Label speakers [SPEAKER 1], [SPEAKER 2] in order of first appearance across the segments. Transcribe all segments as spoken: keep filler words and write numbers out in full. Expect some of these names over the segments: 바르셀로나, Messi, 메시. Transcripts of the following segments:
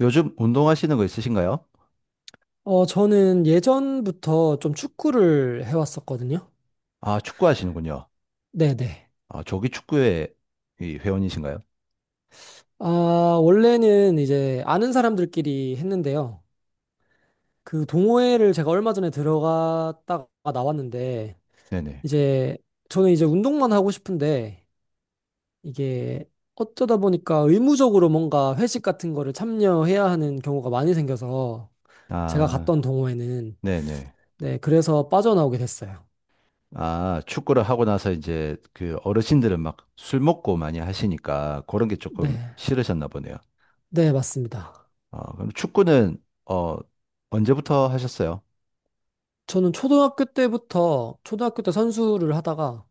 [SPEAKER 1] 요즘 운동하시는 거 있으신가요?
[SPEAKER 2] 어, 저는 예전부터 좀 축구를 해왔었거든요.
[SPEAKER 1] 아, 축구 하시는군요.
[SPEAKER 2] 네네.
[SPEAKER 1] 아, 조기 축구회 이 회원이신가요?
[SPEAKER 2] 아, 원래는 이제 아는 사람들끼리 했는데요. 그 동호회를 제가 얼마 전에 들어갔다가 나왔는데,
[SPEAKER 1] 네네.
[SPEAKER 2] 이제 저는 이제 운동만 하고 싶은데, 이게 어쩌다 보니까 의무적으로 뭔가 회식 같은 거를 참여해야 하는 경우가 많이 생겨서 제가
[SPEAKER 1] 아,
[SPEAKER 2] 갔던 동호회는,
[SPEAKER 1] 네네.
[SPEAKER 2] 네, 그래서 빠져나오게 됐어요.
[SPEAKER 1] 아, 축구를 하고 나서 이제 그 어르신들은 막 술 먹고 많이 하시니까 그런 게
[SPEAKER 2] 네,
[SPEAKER 1] 조금 싫으셨나 보네요.
[SPEAKER 2] 네, 맞습니다.
[SPEAKER 1] 아, 그럼 축구는, 어, 언제부터 하셨어요?
[SPEAKER 2] 저는 초등학교 때부터 초등학교 때 선수를 하다가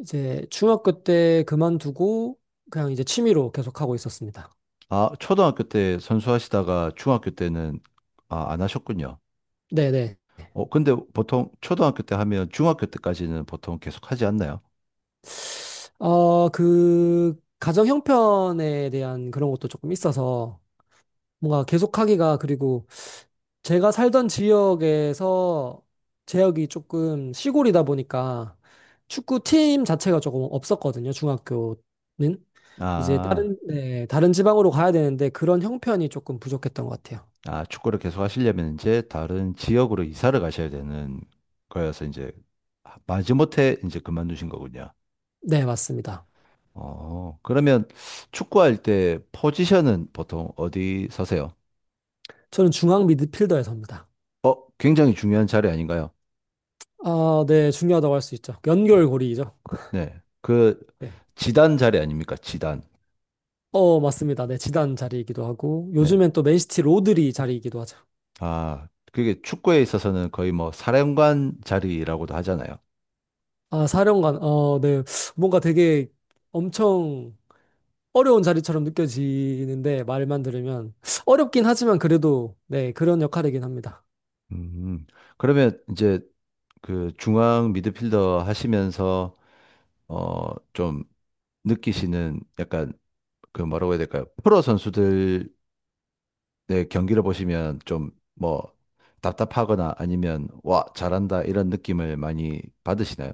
[SPEAKER 2] 이제 중학교 때 그만두고 그냥 이제 취미로 계속 하고 있었습니다.
[SPEAKER 1] 아, 초등학교 때 선수하시다가 중학교 때는 아, 안 하셨군요.
[SPEAKER 2] 네네.
[SPEAKER 1] 어, 근데 보통 초등학교 때 하면 중학교 때까지는 보통 계속 하지 않나요?
[SPEAKER 2] 어, 그 가정 형편에 대한 그런 것도 조금 있어서 뭔가 계속하기가. 그리고 제가 살던 지역에서 지역이 조금 시골이다 보니까 축구팀 자체가 조금 없었거든요. 중학교는 이제
[SPEAKER 1] 아.
[SPEAKER 2] 다른, 네, 다른 지방으로 가야 되는데 그런 형편이 조금 부족했던 것 같아요.
[SPEAKER 1] 아, 축구를 계속 하시려면 이제 다른 지역으로 이사를 가셔야 되는 거여서 이제 마지못해 이제 그만두신 거군요.
[SPEAKER 2] 네, 맞습니다.
[SPEAKER 1] 어, 그러면 축구할 때 포지션은 보통 어디 서세요?
[SPEAKER 2] 저는 중앙 미드필더에 섭니다.
[SPEAKER 1] 어, 굉장히 중요한 자리 아닌가요?
[SPEAKER 2] 아, 네, 중요하다고 할 수 있죠. 연결고리이죠.
[SPEAKER 1] 네. 그
[SPEAKER 2] 네.
[SPEAKER 1] 지단 자리 아닙니까? 지단.
[SPEAKER 2] 어, 맞습니다. 네, 지단 자리이기도 하고,
[SPEAKER 1] 네.
[SPEAKER 2] 요즘엔 또 맨시티 로드리 자리이기도 하죠.
[SPEAKER 1] 아, 그게 축구에 있어서는 거의 뭐 사령관 자리라고도 하잖아요.
[SPEAKER 2] 아, 사령관, 어, 네. 뭔가 되게 엄청 어려운 자리처럼 느껴지는데, 말만 들으면. 어렵긴 하지만 그래도, 네, 그런 역할이긴 합니다.
[SPEAKER 1] 음. 그러면 이제 그 중앙 미드필더 하시면서 어, 좀 느끼시는 약간 그 뭐라고 해야 될까요? 프로 선수들의 경기를 보시면 좀 뭐 답답하거나 아니면 와, 잘한다 이런 느낌을 많이 받으시나요?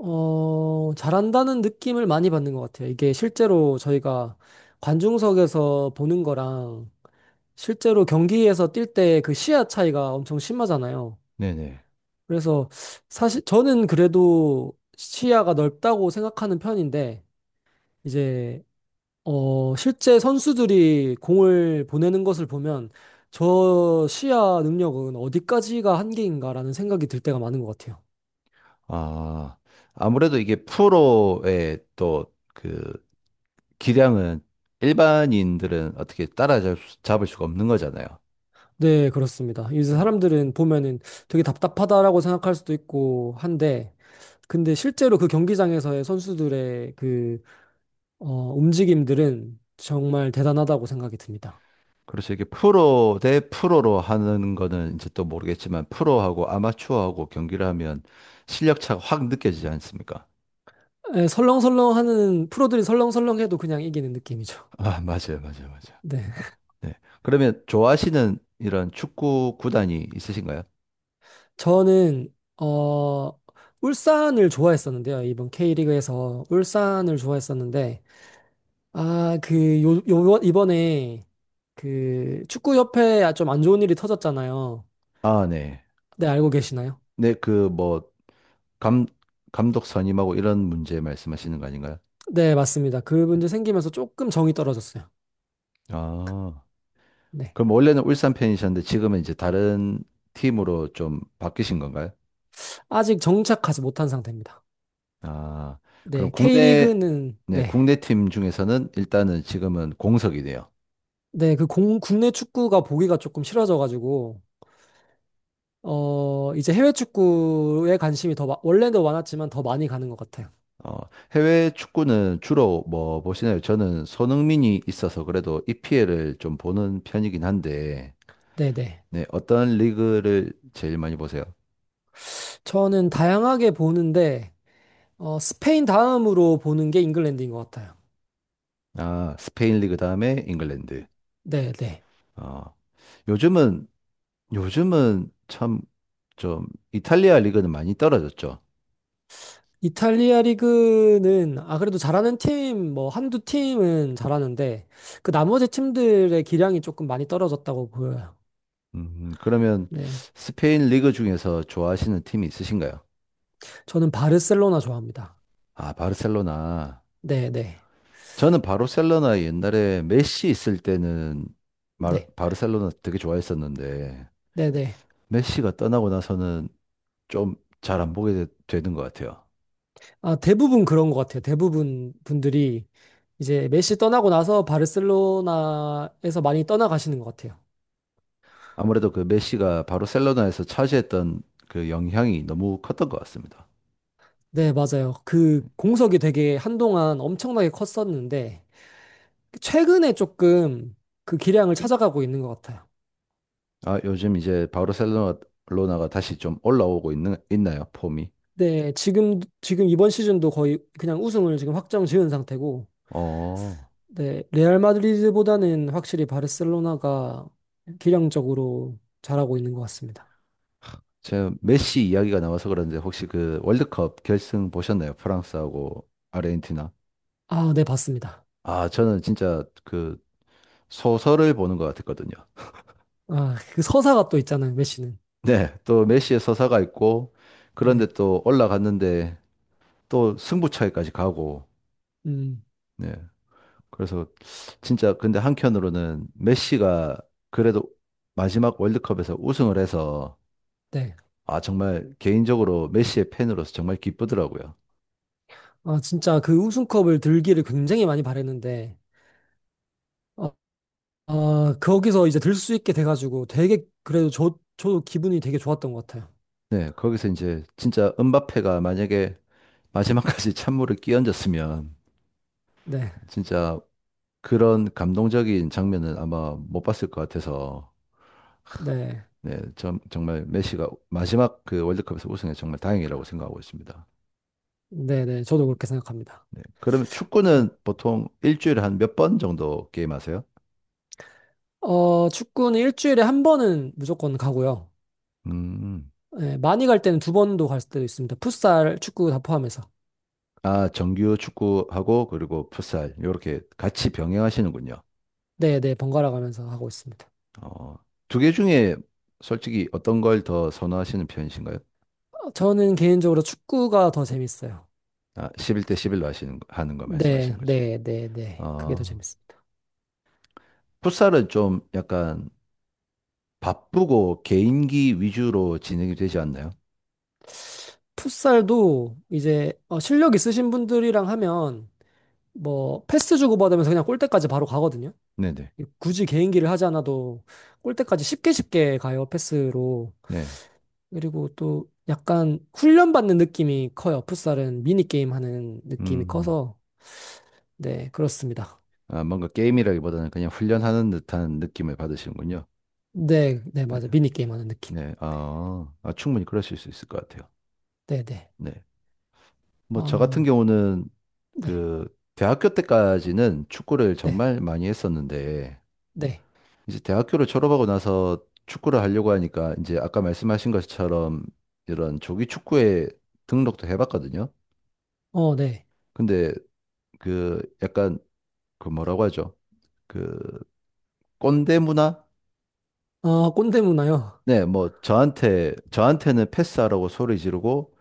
[SPEAKER 2] 어, 잘한다는 느낌을 많이 받는 것 같아요. 이게 실제로 저희가 관중석에서 보는 거랑 실제로 경기에서 뛸 때 그 시야 차이가 엄청 심하잖아요.
[SPEAKER 1] 네네.
[SPEAKER 2] 그래서 사실 저는 그래도 시야가 넓다고 생각하는 편인데 이제 어 실제 선수들이 공을 보내는 것을 보면 저 시야 능력은 어디까지가 한계인가라는 생각이 들 때가 많은 것 같아요.
[SPEAKER 1] 아, 아무래도 이게 프로의 또 그 기량은 일반인들은 어떻게 따라잡을 수- 가 없는 거잖아요.
[SPEAKER 2] 네, 그렇습니다. 이제
[SPEAKER 1] 네.
[SPEAKER 2] 사람들은 보면은 되게 답답하다라고 생각할 수도 있고 한데, 근데 실제로 그 경기장에서의 선수들의 그 어, 움직임들은 정말 대단하다고 생각이 듭니다.
[SPEAKER 1] 그래서 이게 프로 대 프로로 하는 거는 이제 또 모르겠지만 프로하고 아마추어하고 경기를 하면 실력 차가 확 느껴지지 않습니까?
[SPEAKER 2] 예, 설렁설렁하는 프로들이 설렁설렁해도 그냥 이기는 느낌이죠.
[SPEAKER 1] 아, 맞아요, 맞아요, 맞아요.
[SPEAKER 2] 네,
[SPEAKER 1] 네. 그러면 좋아하시는 이런 축구 구단이 있으신가요?
[SPEAKER 2] 저는 어, 울산을 좋아했었는데요. 이번 K리그에서 울산을 좋아했었는데 아, 그 요, 요 이번에 그 축구협회에 좀 안 좋은 일이 터졌잖아요.
[SPEAKER 1] 아, 네.
[SPEAKER 2] 네, 알고 계시나요?
[SPEAKER 1] 네, 그 뭐 감, 감독 선임하고 이런 문제 말씀하시는 거 아닌가요?
[SPEAKER 2] 네, 맞습니다. 그 문제 생기면서 조금 정이 떨어졌어요.
[SPEAKER 1] 아,
[SPEAKER 2] 네,
[SPEAKER 1] 그럼 원래는 울산 팬이셨는데 지금은 이제 다른 팀으로 좀 바뀌신 건가요?
[SPEAKER 2] 아직 정착하지 못한 상태입니다.
[SPEAKER 1] 아, 그럼
[SPEAKER 2] 네,
[SPEAKER 1] 국내,
[SPEAKER 2] 케이리그는
[SPEAKER 1] 네,
[SPEAKER 2] 네.
[SPEAKER 1] 국내 팀 중에서는 일단은 지금은 공석이네요.
[SPEAKER 2] 네, 그 공, 국내 축구가 보기가 조금 싫어져가지고, 어, 이제 해외 축구에 관심이 더, 마- 원래도 많았지만 더 많이 가는 것 같아요.
[SPEAKER 1] 어, 해외 축구는 주로 뭐 보시나요? 저는 손흥민이 있어서 그래도 이피엘을 좀 보는 편이긴 한데,
[SPEAKER 2] 네네.
[SPEAKER 1] 네, 어떤 리그를 제일 많이 보세요?
[SPEAKER 2] 저는 다양하게 보는데, 어, 스페인 다음으로 보는 게 잉글랜드인 것 같아요.
[SPEAKER 1] 아, 스페인 리그 다음에 잉글랜드.
[SPEAKER 2] 네네.
[SPEAKER 1] 어, 요즘은, 요즘은 참 좀 이탈리아 리그는 많이 떨어졌죠.
[SPEAKER 2] 이탈리아 리그는, 아, 그래도 잘하는 팀, 뭐, 한두 팀은 잘하는데, 그 나머지 팀들의 기량이 조금 많이 떨어졌다고 보여요.
[SPEAKER 1] 음, 그러면
[SPEAKER 2] 네.
[SPEAKER 1] 스페인 리그 중에서 좋아하시는 팀이 있으신가요?
[SPEAKER 2] 저는 바르셀로나 좋아합니다.
[SPEAKER 1] 아, 바르셀로나.
[SPEAKER 2] 네네.
[SPEAKER 1] 저는 바르셀로나 옛날에 메시 있을 때는 마-
[SPEAKER 2] 네.
[SPEAKER 1] 바르셀로나 되게 좋아했었는데
[SPEAKER 2] 네네.
[SPEAKER 1] 메시가 떠나고 나서는 좀 잘 안 보게 되, 는것 같아요.
[SPEAKER 2] 아, 대부분 그런 것 같아요. 대부분 분들이 이제 메시 떠나고 나서 바르셀로나에서 많이 떠나가시는 것 같아요.
[SPEAKER 1] 아무래도 그 메시가 바르셀로나에서 차지했던 그 영향이 너무 컸던 것 같습니다.
[SPEAKER 2] 네, 맞아요. 그 공석이 되게 한동안 엄청나게 컸었는데, 최근에 조금 그 기량을 찾아가고 있는 것 같아요.
[SPEAKER 1] 아, 요즘 이제 바르셀로나가 다시 좀 올라오고 있는, 있나요? 폼이?
[SPEAKER 2] 네, 지금, 지금 이번 시즌도 거의 그냥 우승을 지금 확정 지은 상태고,
[SPEAKER 1] 어,
[SPEAKER 2] 네, 레알 마드리드보다는 확실히 바르셀로나가 기량적으로 잘하고 있는 것 같습니다.
[SPEAKER 1] 제가 메시 이야기가 나와서 그런데 혹시 그 월드컵 결승 보셨나요? 프랑스하고 아르헨티나?
[SPEAKER 2] 아, 네, 봤습니다.
[SPEAKER 1] 아, 저는 진짜 그 소설을 보는 것 같았거든요.
[SPEAKER 2] 아, 그 서사가 또 있잖아요, 메시는.
[SPEAKER 1] 네, 또 메시의 서사가 있고, 그런데
[SPEAKER 2] 네.
[SPEAKER 1] 또 올라갔는데 또 승부차기까지 가고,
[SPEAKER 2] 음,
[SPEAKER 1] 네. 그래서 진짜 근데 한편으로는 메시가 그래도 마지막 월드컵에서 우승을 해서,
[SPEAKER 2] 네.
[SPEAKER 1] 아, 정말 개인적으로 메시의 팬으로서 정말 기쁘더라고요.
[SPEAKER 2] 아, 진짜 그 우승컵을 들기를 굉장히 많이 바랬는데, 어, 아, 거기서 이제 들 수 있게 돼가지고 되게, 그래도 저, 저도 기분이 되게 좋았던 것 같아요.
[SPEAKER 1] 네, 거기서 이제 진짜 은바페가 만약에 마지막까지 찬물을 끼얹었으면
[SPEAKER 2] 네.
[SPEAKER 1] 진짜 그런 감동적인 장면은 아마 못 봤을 것 같아서
[SPEAKER 2] 네.
[SPEAKER 1] 네, 정, 정말 메시가 마지막 그 월드컵에서 우승해 정말 다행이라고 생각하고 있습니다.
[SPEAKER 2] 네, 네. 저도 그렇게 생각합니다.
[SPEAKER 1] 네. 그러면
[SPEAKER 2] 어,
[SPEAKER 1] 축구는 보통 일주일에 한 몇 번 정도 게임하세요?
[SPEAKER 2] 어, 축구는 일주일에 한 번은 무조건 가고요.
[SPEAKER 1] 음.
[SPEAKER 2] 네, 많이 갈 때는 두 번도 갈 때도 있습니다. 풋살, 축구 다 포함해서.
[SPEAKER 1] 아, 정규 축구하고 그리고 풋살 이렇게 같이 병행하시는군요.
[SPEAKER 2] 네, 네. 번갈아 가면서 하고 있습니다.
[SPEAKER 1] 어, 두 개 중에 솔직히 어떤 걸 더 선호하시는 편이신가요?
[SPEAKER 2] 어, 저는 개인적으로 축구가 더 재밌어요.
[SPEAKER 1] 아, 십일 대 십일로 하시는 거- 하는 거 말씀하시는
[SPEAKER 2] 네,
[SPEAKER 1] 거죠.
[SPEAKER 2] 네, 네, 네. 그게 더
[SPEAKER 1] 아,
[SPEAKER 2] 재밌어요.
[SPEAKER 1] 풋살은 좀 약간 바쁘고 개인기 위주로 진행이 되지 않나요?
[SPEAKER 2] 풋살도 이제 어, 실력 있으신 분들이랑 하면 뭐 패스 주고받으면서 그냥 골대까지 바로 가거든요.
[SPEAKER 1] 네네.
[SPEAKER 2] 굳이 개인기를 하지 않아도 골대까지 쉽게 쉽게 가요, 패스로.
[SPEAKER 1] 네.
[SPEAKER 2] 그리고 또 약간 훈련받는 느낌이 커요. 풋살은 미니게임 하는 느낌이
[SPEAKER 1] 음.
[SPEAKER 2] 커서. 네, 그렇습니다.
[SPEAKER 1] 아, 뭔가 게임이라기보다는 그냥 훈련하는 듯한 느낌을 받으시는군요.
[SPEAKER 2] 네, 네,
[SPEAKER 1] 네.
[SPEAKER 2] 맞아. 미니게임 하는 느낌.
[SPEAKER 1] 네. 아, 아, 충분히 그러실 수 있을 것 같아요.
[SPEAKER 2] 네, 네.
[SPEAKER 1] 네. 뭐, 저 같은
[SPEAKER 2] 아,
[SPEAKER 1] 경우는
[SPEAKER 2] 네,
[SPEAKER 1] 그, 대학교 때까지는 축구를
[SPEAKER 2] 네,
[SPEAKER 1] 정말 많이 했었는데,
[SPEAKER 2] 네.
[SPEAKER 1] 이제 대학교를 졸업하고 나서 축구를 하려고 하니까, 이제 아까 말씀하신 것처럼 이런 조기 축구에 등록도 해봤거든요.
[SPEAKER 2] 어, 네.
[SPEAKER 1] 근데 그, 약간, 그 뭐라고 하죠? 그, 꼰대 문화?
[SPEAKER 2] 아, 꼰대 문화요.
[SPEAKER 1] 네, 뭐 저한테 저한테는 패스하라고 소리 지르고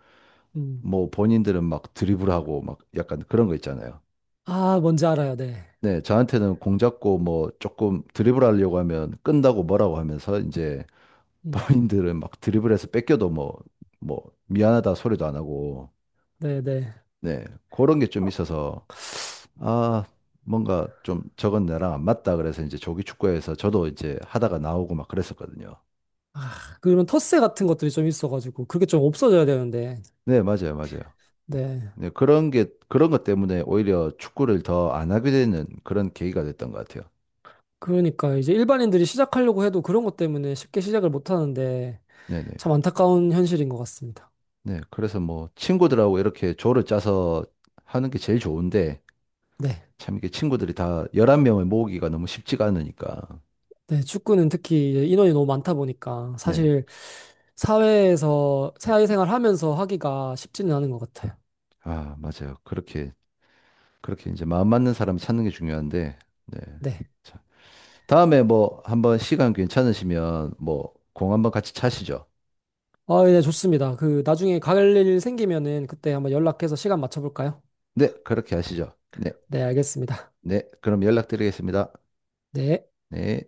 [SPEAKER 2] 음.
[SPEAKER 1] 뭐 본인들은 막 드리블하고 막 약간 그런 거 있잖아요.
[SPEAKER 2] 아, 뭔지 알아요. 네.
[SPEAKER 1] 네, 저한테는 공 잡고 뭐 조금 드리블하려고 하면 끈다고 뭐라고 하면서 이제
[SPEAKER 2] 음.
[SPEAKER 1] 본인들은 막 드리블해서 뺏겨도 뭐 뭐 미안하다 소리도 안 하고
[SPEAKER 2] 네, 네.
[SPEAKER 1] 네, 그런 게 좀 있어서 아 뭔가 좀 저건 나랑 안 맞다 그래서 이제 조기 축구에서 저도 이제 하다가 나오고 막 그랬었거든요.
[SPEAKER 2] 그런 텃세 같은 것들이 좀 있어가지고 그게 좀 없어져야 되는데.
[SPEAKER 1] 네, 맞아요, 맞아요.
[SPEAKER 2] 네,
[SPEAKER 1] 네, 그런 게, 그런 것 때문에 오히려 축구를 더 안 하게 되는 그런 계기가 됐던 것 같아요.
[SPEAKER 2] 그러니까 이제 일반인들이 시작하려고 해도 그런 것 때문에 쉽게 시작을 못 하는데
[SPEAKER 1] 네네.
[SPEAKER 2] 참 안타까운 현실인 것 같습니다.
[SPEAKER 1] 네, 그래서 뭐 친구들하고 이렇게 조를 짜서 하는 게 제일 좋은데
[SPEAKER 2] 네,
[SPEAKER 1] 참 이게 친구들이 다 십일 명을 모으기가 너무 쉽지가 않으니까.
[SPEAKER 2] 네, 축구는 특히 이제 인원이 너무 많다 보니까
[SPEAKER 1] 네.
[SPEAKER 2] 사실 사회에서 사회생활 하면서 하기가 쉽지는 않은 것 같아요.
[SPEAKER 1] 아, 맞아요. 그렇게, 그렇게 이제 마음 맞는 사람 찾는 게 중요한데, 네.
[SPEAKER 2] 네,
[SPEAKER 1] 자, 다음에 뭐 한번 시간 괜찮으시면 뭐 공 한번 같이 차시죠.
[SPEAKER 2] 아, 네, 좋습니다. 그 나중에 갈 일 생기면은 그때 한번 연락해서 시간 맞춰볼까요?
[SPEAKER 1] 네, 그렇게 하시죠. 네,
[SPEAKER 2] 네, 알겠습니다.
[SPEAKER 1] 네. 그럼 연락드리겠습니다.
[SPEAKER 2] 네.
[SPEAKER 1] 네.